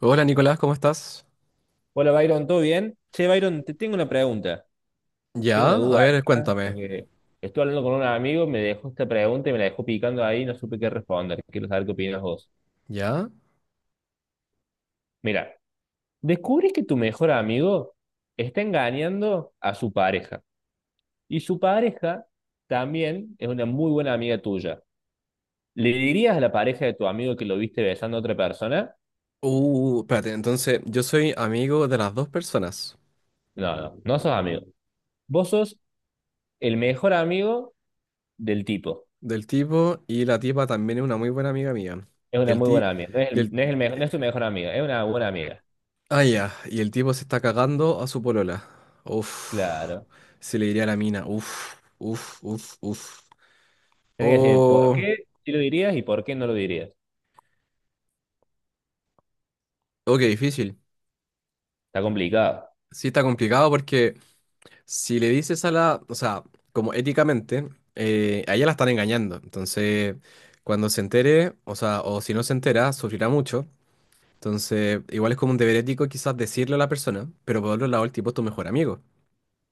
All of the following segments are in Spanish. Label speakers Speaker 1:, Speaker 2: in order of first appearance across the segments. Speaker 1: Hola Nicolás, ¿cómo estás?
Speaker 2: Hola, Byron, ¿todo bien? Che, Byron, te tengo una pregunta, tengo
Speaker 1: Ya,
Speaker 2: una
Speaker 1: a
Speaker 2: duda
Speaker 1: ver,
Speaker 2: acá,
Speaker 1: cuéntame.
Speaker 2: porque estuve hablando con un amigo, me dejó esta pregunta y me la dejó picando ahí y no supe qué responder. Quiero saber qué opinas vos.
Speaker 1: ¿Ya?
Speaker 2: Mira, descubrís que tu mejor amigo está engañando a su pareja y su pareja también es una muy buena amiga tuya. ¿Le dirías a la pareja de tu amigo que lo viste besando a otra persona?
Speaker 1: Espérate, entonces yo soy amigo de las dos personas,
Speaker 2: No, no, no sos amigo. Vos sos el mejor amigo del tipo.
Speaker 1: del tipo y la tipa también es una muy buena amiga mía.
Speaker 2: Es
Speaker 1: Y
Speaker 2: una
Speaker 1: el
Speaker 2: muy
Speaker 1: ti
Speaker 2: buena amiga. No es
Speaker 1: y
Speaker 2: el,
Speaker 1: el
Speaker 2: no es el mejor, no es tu mejor amiga, es una buena amiga.
Speaker 1: ah ya, y el tipo se está cagando a su polola. Uf.
Speaker 2: Claro.
Speaker 1: Se le diría a la mina. Uf, uf, uf, uf.
Speaker 2: Tienes que decir por
Speaker 1: Oh,
Speaker 2: qué sí lo dirías y por qué no lo dirías.
Speaker 1: oh, qué difícil.
Speaker 2: Está complicado.
Speaker 1: Sí, está complicado porque Si le dices a la, o sea, como éticamente, a ella la están engañando. Entonces, cuando se entere, o sea, o si no se entera, sufrirá mucho. Entonces, igual es como un deber ético quizás decirle a la persona, pero por otro lado, el tipo es tu mejor amigo.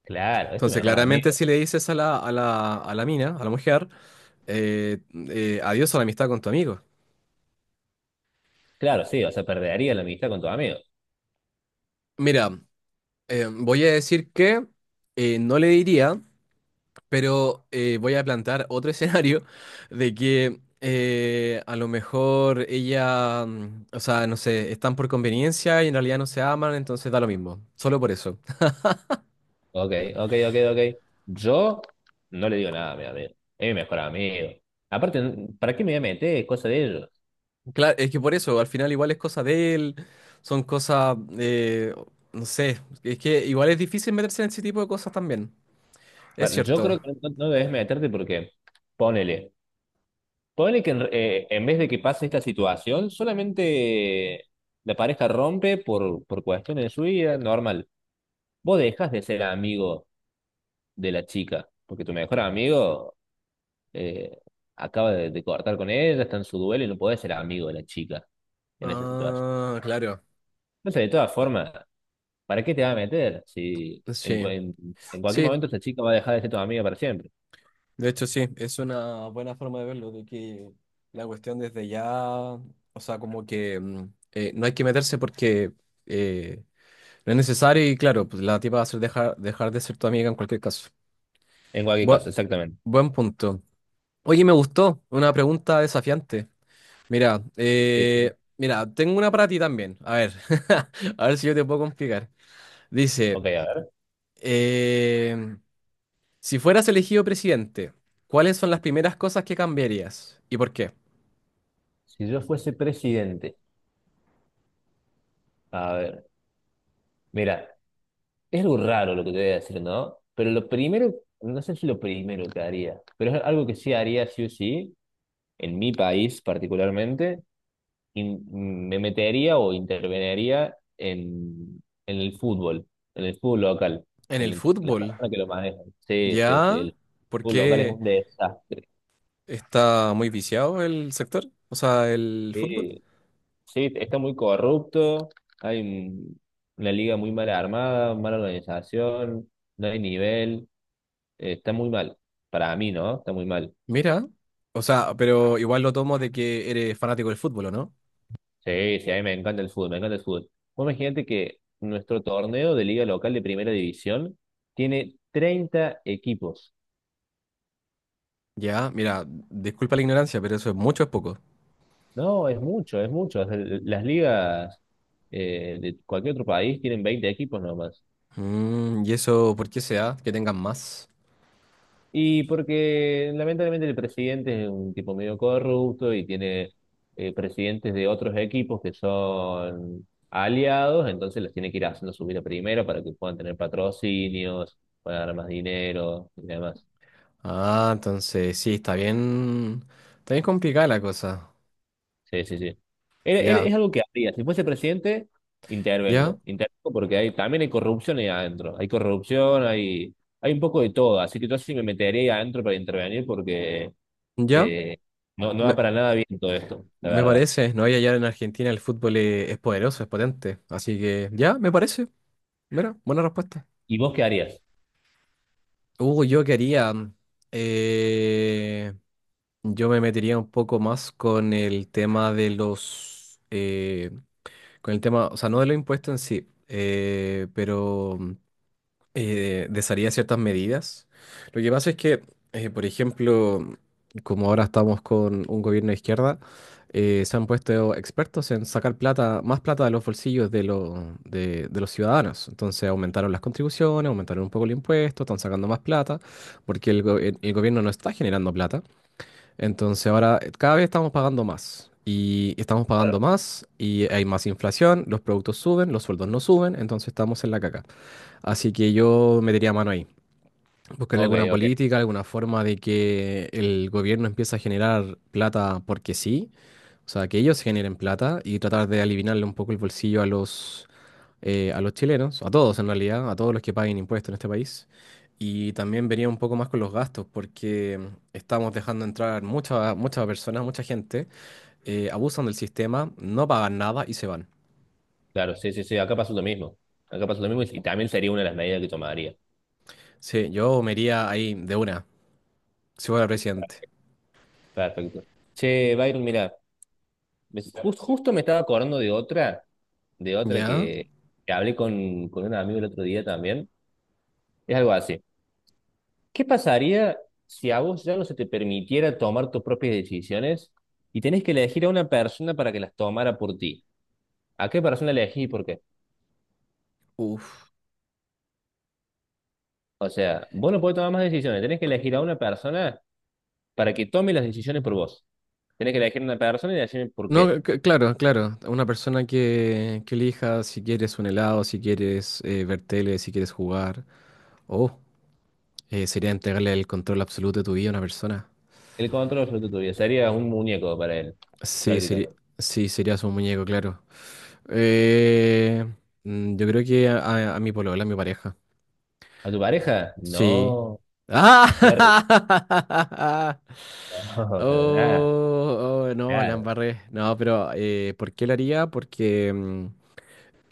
Speaker 2: Claro, es tu
Speaker 1: Entonces,
Speaker 2: mejor
Speaker 1: claramente
Speaker 2: amigo.
Speaker 1: si le dices a la mina, a la mujer, eh, adiós a la amistad con tu amigo.
Speaker 2: Claro, sí, o sea, perdería la amistad con tu amigo.
Speaker 1: Mira, voy a decir que no le diría. Pero voy a plantear otro escenario de que a lo mejor ella, o sea, no sé, están por conveniencia y en realidad no se aman, entonces da lo mismo, solo por eso.
Speaker 2: Ok, ok, ok, ok. Yo no le digo nada a mi amigo. Es mi mejor amigo. Aparte, ¿para qué me voy a meter? Es cosa de ellos.
Speaker 1: Claro, es que por eso, al final igual es cosa de él, son cosas, no sé, es que igual es difícil meterse en ese tipo de cosas también, es
Speaker 2: Yo
Speaker 1: cierto.
Speaker 2: creo que no, no debes meterte porque, ponele, ponele que en vez de que pase esta situación, solamente la pareja rompe por cuestiones de su vida, normal. Vos dejas de ser amigo de la chica, porque tu mejor amigo eh, acaba de cortar con ella, está en su duelo y no podés ser amigo de la chica en esa situación.
Speaker 1: Ah, claro,
Speaker 2: Entonces, de todas formas, ¿para qué te vas a meter si
Speaker 1: sí,
Speaker 2: en cualquier
Speaker 1: sí.
Speaker 2: momento esa chica va a dejar de ser tu amiga para siempre?
Speaker 1: De hecho, sí, es una buena forma de verlo, de que la cuestión desde ya, o sea, como que no hay que meterse porque eh, no es necesario y claro, pues la tipa va a ser dejar de ser tu amiga en cualquier caso.
Speaker 2: En cualquier
Speaker 1: Bua-
Speaker 2: caso, exactamente.
Speaker 1: Buen punto. Oye, me gustó, una pregunta desafiante.
Speaker 2: Sí, sí.
Speaker 1: Mira, tengo una para ti también. A ver, a ver si yo te puedo complicar. Dice,
Speaker 2: Ok, a ver.
Speaker 1: em, si fueras elegido presidente, ¿cuáles son las primeras cosas que cambiarías y por qué?
Speaker 2: Si yo fuese presidente, a ver, mira, es algo raro lo que te voy a decir, ¿no? Pero lo primero, no sé si lo primero que haría, pero es algo que sí haría sí o sí, en mi país particularmente, me metería o interveniría en el fútbol local,
Speaker 1: En el
Speaker 2: en las
Speaker 1: fútbol,
Speaker 2: personas que lo manejan. Sí, sí, sí,
Speaker 1: ¿ya?
Speaker 2: el
Speaker 1: ¿Por
Speaker 2: fútbol local es
Speaker 1: qué
Speaker 2: un desastre.
Speaker 1: está muy viciado el sector? O sea, el fútbol.
Speaker 2: Sí, sí, está muy corrupto, hay un- una liga muy mal armada, mala organización, no hay nivel, está muy mal. Para mí, ¿no? Está muy mal.
Speaker 1: Mira, o sea, pero igual lo tomo de que eres fanático del fútbol, ¿o no?
Speaker 2: Sí, sí, a mí me encanta el fútbol, me encanta el fútbol. Vos imagínate que nuestro torneo de liga local de primera división tiene 30 equipos.
Speaker 1: Ya, mira, disculpa la ignorancia, pero eso es mucho, ¿es poco?
Speaker 2: No, es mucho, es mucho. Las ligas de cualquier otro país tienen 20 equipos nomás.
Speaker 1: ¿Y eso por qué se da? Que tengan más.
Speaker 2: Y porque lamentablemente el presidente es un tipo medio corrupto y tiene presidentes de otros equipos que son aliados, entonces los tiene que ir haciendo subir a primera para que puedan tener patrocinios, para ganar más dinero y demás.
Speaker 1: Ah, entonces sí, está bien. Está bien complicada la cosa.
Speaker 2: Sí, sí, sí.
Speaker 1: Ya,
Speaker 2: Es algo que haría. Si fuese presidente,
Speaker 1: ya,
Speaker 2: intervengo. Intervengo porque hay, también hay corrupción ahí adentro. Hay corrupción, hay un poco de todo. Así que yo sí me metería ahí adentro para intervenir porque
Speaker 1: ya.
Speaker 2: eh, no, no
Speaker 1: Me,
Speaker 2: va para nada bien todo esto, la
Speaker 1: me
Speaker 2: verdad.
Speaker 1: parece, ¿no? Y allá en Argentina el fútbol es poderoso, es potente. Así que ya, me parece. Mira, buena respuesta.
Speaker 2: ¿Y vos qué harías?
Speaker 1: Yo quería, eh, yo me metería un poco más con el tema de los, con el tema, o sea, no de los impuestos en sí, pero desharía ciertas medidas. Lo que pasa es que, por ejemplo, como ahora estamos con un gobierno de izquierda, se han puesto expertos en sacar plata, más plata de los bolsillos de los ciudadanos. Entonces aumentaron las contribuciones, aumentaron un poco el impuesto, están sacando más plata, porque el gobierno no está generando plata. Entonces ahora cada vez estamos pagando más. Y estamos pagando más y hay más inflación, los productos suben, los sueldos no suben, entonces estamos en la caca. Así que yo metería mano ahí. Buscarle
Speaker 2: Ok,
Speaker 1: alguna
Speaker 2: ok.
Speaker 1: política, alguna forma de que el gobierno empiece a generar plata porque sí, o sea, que ellos generen plata y tratar de aliviarle un poco el bolsillo a a los chilenos, a todos en realidad, a todos los que paguen impuestos en este país. Y también vería un poco más con los gastos, porque estamos dejando entrar muchas personas, mucha gente, abusan del sistema, no pagan nada y se van.
Speaker 2: Claro, sí, sí, sí. Acá pasó lo mismo. Acá pasó lo mismo y también sería una de las medidas que tomaría.
Speaker 1: Sí, yo me iría ahí de una, si fuera presidente.
Speaker 2: Perfecto. Che, Byron, mira, justo me estaba acordando de otra
Speaker 1: ¿Ya?
Speaker 2: que hablé con un amigo el otro día también. Es algo así. ¿Qué pasaría si a vos ya no se te permitiera tomar tus propias decisiones y tenés que elegir a una persona para que las tomara por ti? ¿A qué persona elegís y por qué?
Speaker 1: Uf.
Speaker 2: O sea, vos no podés tomar más decisiones, tenés que elegir a una persona para que tome las decisiones por vos. Tenés que elegir a una persona y decirme por
Speaker 1: No,
Speaker 2: qué.
Speaker 1: claro, claro. Una persona que elija si quieres un helado, si quieres ver tele, si quieres jugar. O sería entregarle el control absoluto de tu vida a una persona.
Speaker 2: El control sobre tu vida sería un muñeco para él,
Speaker 1: Sí, sería,
Speaker 2: prácticamente.
Speaker 1: sí, serías un muñeco, claro. Eh, yo creo que a mi polola, a mi pareja.
Speaker 2: ¿A tu pareja?
Speaker 1: Sí.
Speaker 2: No, te va a re-
Speaker 1: ¡Ah!
Speaker 2: No, para nada,
Speaker 1: Oh, oh, no, la
Speaker 2: claro.
Speaker 1: embarré. No, pero ¿por qué la haría? Porque...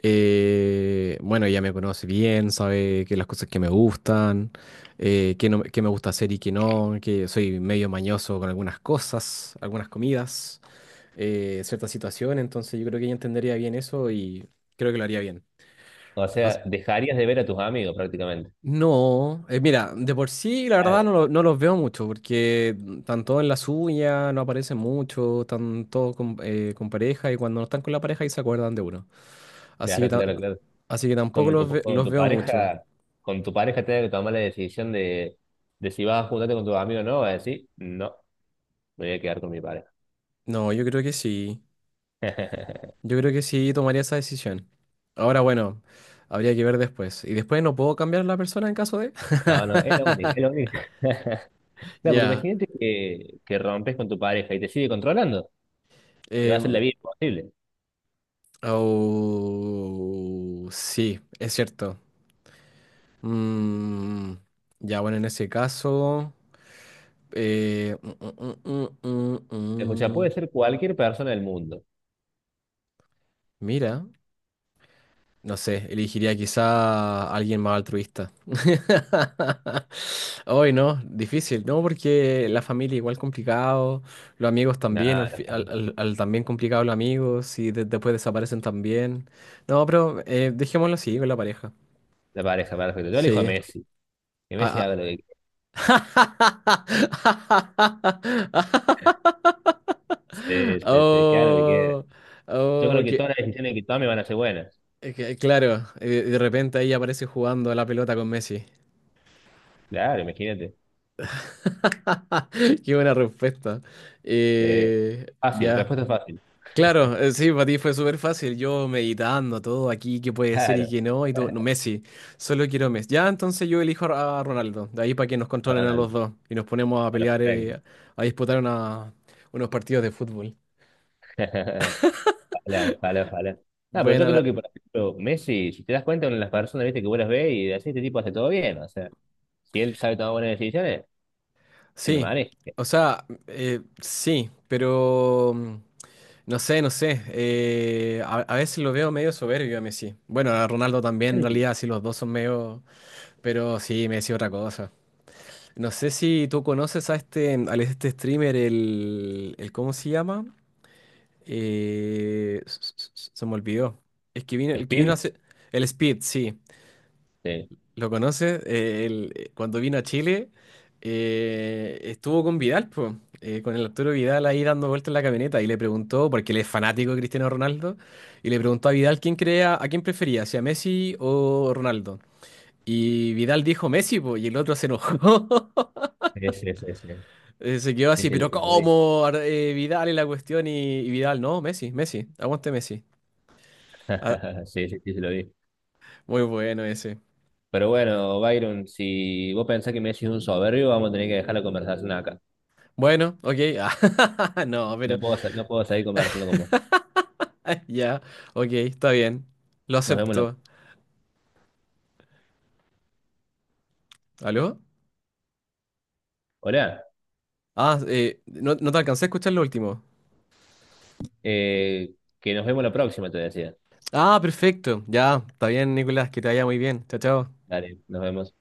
Speaker 1: eh, bueno, ella me conoce bien, sabe que las cosas que me gustan, que no, que me gusta hacer y que no, que soy medio mañoso con algunas cosas, algunas comidas, ciertas situaciones, entonces yo creo que ella entendería bien eso y creo que lo haría bien.
Speaker 2: O sea, dejarías de ver a tus amigos prácticamente.
Speaker 1: No, mira, de por sí la verdad
Speaker 2: Claro,
Speaker 1: no, no los veo mucho porque están todos en la suya, no aparecen mucho, están todos con pareja y cuando no están con la pareja ahí se acuerdan de uno. Así que,
Speaker 2: claro, claro, claro.
Speaker 1: así que tampoco
Speaker 2: Cuando tu,
Speaker 1: los veo mucho.
Speaker 2: cuando tu pareja tenga que tomar la decisión de si vas a juntarte con tus amigos o no, vas a decir, no, me voy a quedar con mi pareja.
Speaker 1: No, yo creo que sí, yo creo que sí tomaría esa decisión. Ahora bueno, habría que ver después. Y después no puedo cambiar la persona en caso de...
Speaker 2: No, no, es lo único, es lo único. No, porque
Speaker 1: Ya,
Speaker 2: imagínate que rompes con tu pareja y te sigue controlando, te va a hacer la
Speaker 1: em,
Speaker 2: vida imposible.
Speaker 1: sí, es cierto. Mm, ya, bueno, en ese caso, eh, mm, mm, mm, mm,
Speaker 2: Escucha,
Speaker 1: mm,
Speaker 2: puede
Speaker 1: mm.
Speaker 2: ser cualquier persona del mundo.
Speaker 1: Mira, no sé, elegiría quizá a alguien más altruista. Hoy no, difícil, ¿no? Porque la familia igual complicado, los amigos
Speaker 2: No,
Speaker 1: también, al,
Speaker 2: la
Speaker 1: fi- al-
Speaker 2: familia,
Speaker 1: al- al también complicado los amigos, y después desaparecen también. No, pero dejémoslo así, con la pareja.
Speaker 2: la pareja, perfecto. Yo elijo a
Speaker 1: Sí.
Speaker 2: Messi, que
Speaker 1: Ah,
Speaker 2: Messi haga
Speaker 1: ah.
Speaker 2: lo que quiera, sí, sí, sí, que haga lo que quiera.
Speaker 1: Oh,
Speaker 2: Yo
Speaker 1: oh,
Speaker 2: creo que
Speaker 1: que,
Speaker 2: todas las decisiones que tome van a ser buenas.
Speaker 1: claro, de repente ahí aparece jugando a la pelota con Messi.
Speaker 2: Claro, imagínate.
Speaker 1: Qué buena respuesta.
Speaker 2: Sí.
Speaker 1: Eh,
Speaker 2: Fácil,
Speaker 1: ya.
Speaker 2: respuesta fácil.
Speaker 1: Claro, sí, para ti fue súper fácil. Yo meditando todo aquí, qué puede ser y
Speaker 2: Claro.
Speaker 1: qué no, y tú, no, Messi, solo quiero Messi. Ya, entonces yo elijo a Ronaldo, de ahí para que nos controlen a los
Speaker 2: Ronaldo,
Speaker 1: dos y nos ponemos a pelear,
Speaker 2: perfecto.
Speaker 1: a disputar unos partidos de fútbol.
Speaker 2: Ojalá, ojalá, ojalá. No, pero yo
Speaker 1: Buena,
Speaker 2: creo que, por ejemplo, Messi, si te das cuenta, una de las personas, viste, que vos las ves y decís, este tipo hace todo bien. O sea, si él sabe tomar buenas decisiones, que me
Speaker 1: sí,
Speaker 2: maneje.
Speaker 1: o sea, sí, pero no sé, no sé. A veces lo veo medio soberbio a Messi. Bueno, a Ronaldo también, en
Speaker 2: Nervio.
Speaker 1: realidad, sí, los dos son medio. Pero sí, Messi otra cosa. No sé si tú conoces a este, al este streamer, el, el. ¿Cómo se llama? Se me olvidó. Es que vino, el que vino
Speaker 2: Speed,
Speaker 1: hace. El Speed, sí.
Speaker 2: sí.
Speaker 1: ¿Lo conoces? Él, cuando vino a Chile, estuvo con Vidal, po, con el Arturo Vidal ahí dando vueltas en la camioneta y le preguntó, porque él es fanático de Cristiano Ronaldo, y le preguntó a Vidal quién creía, a quién prefería, si a Messi o Ronaldo. Y Vidal dijo Messi, po, y el otro se enojó.
Speaker 2: Sí, sí, sí, sí.
Speaker 1: Se quedó
Speaker 2: Sí,
Speaker 1: así,
Speaker 2: sí,
Speaker 1: pero
Speaker 2: sí, lo vi.
Speaker 1: ¿cómo? Vidal es la cuestión y Vidal, no, Messi, Messi, aguante Messi. Ah,
Speaker 2: Sí, sí, sí, sí, lo vi.
Speaker 1: muy bueno ese.
Speaker 2: Pero bueno, Byron, si vos pensás que Messi es un soberbio, vamos a tener que dejar la conversación acá.
Speaker 1: Bueno, ok. ah, no, pero...
Speaker 2: No puedo, no puedo seguir conversando con vos.
Speaker 1: Ya, ok, está bien. Lo
Speaker 2: Nos vemos la...
Speaker 1: acepto. ¿Aló?
Speaker 2: Hola,
Speaker 1: Ah, no, no te alcancé a escuchar lo último.
Speaker 2: eh, que nos vemos la próxima, te decía.
Speaker 1: Ah, perfecto. Ya, está bien, Nicolás, que te vaya muy bien. Chao, chao.
Speaker 2: Dale, nos vemos.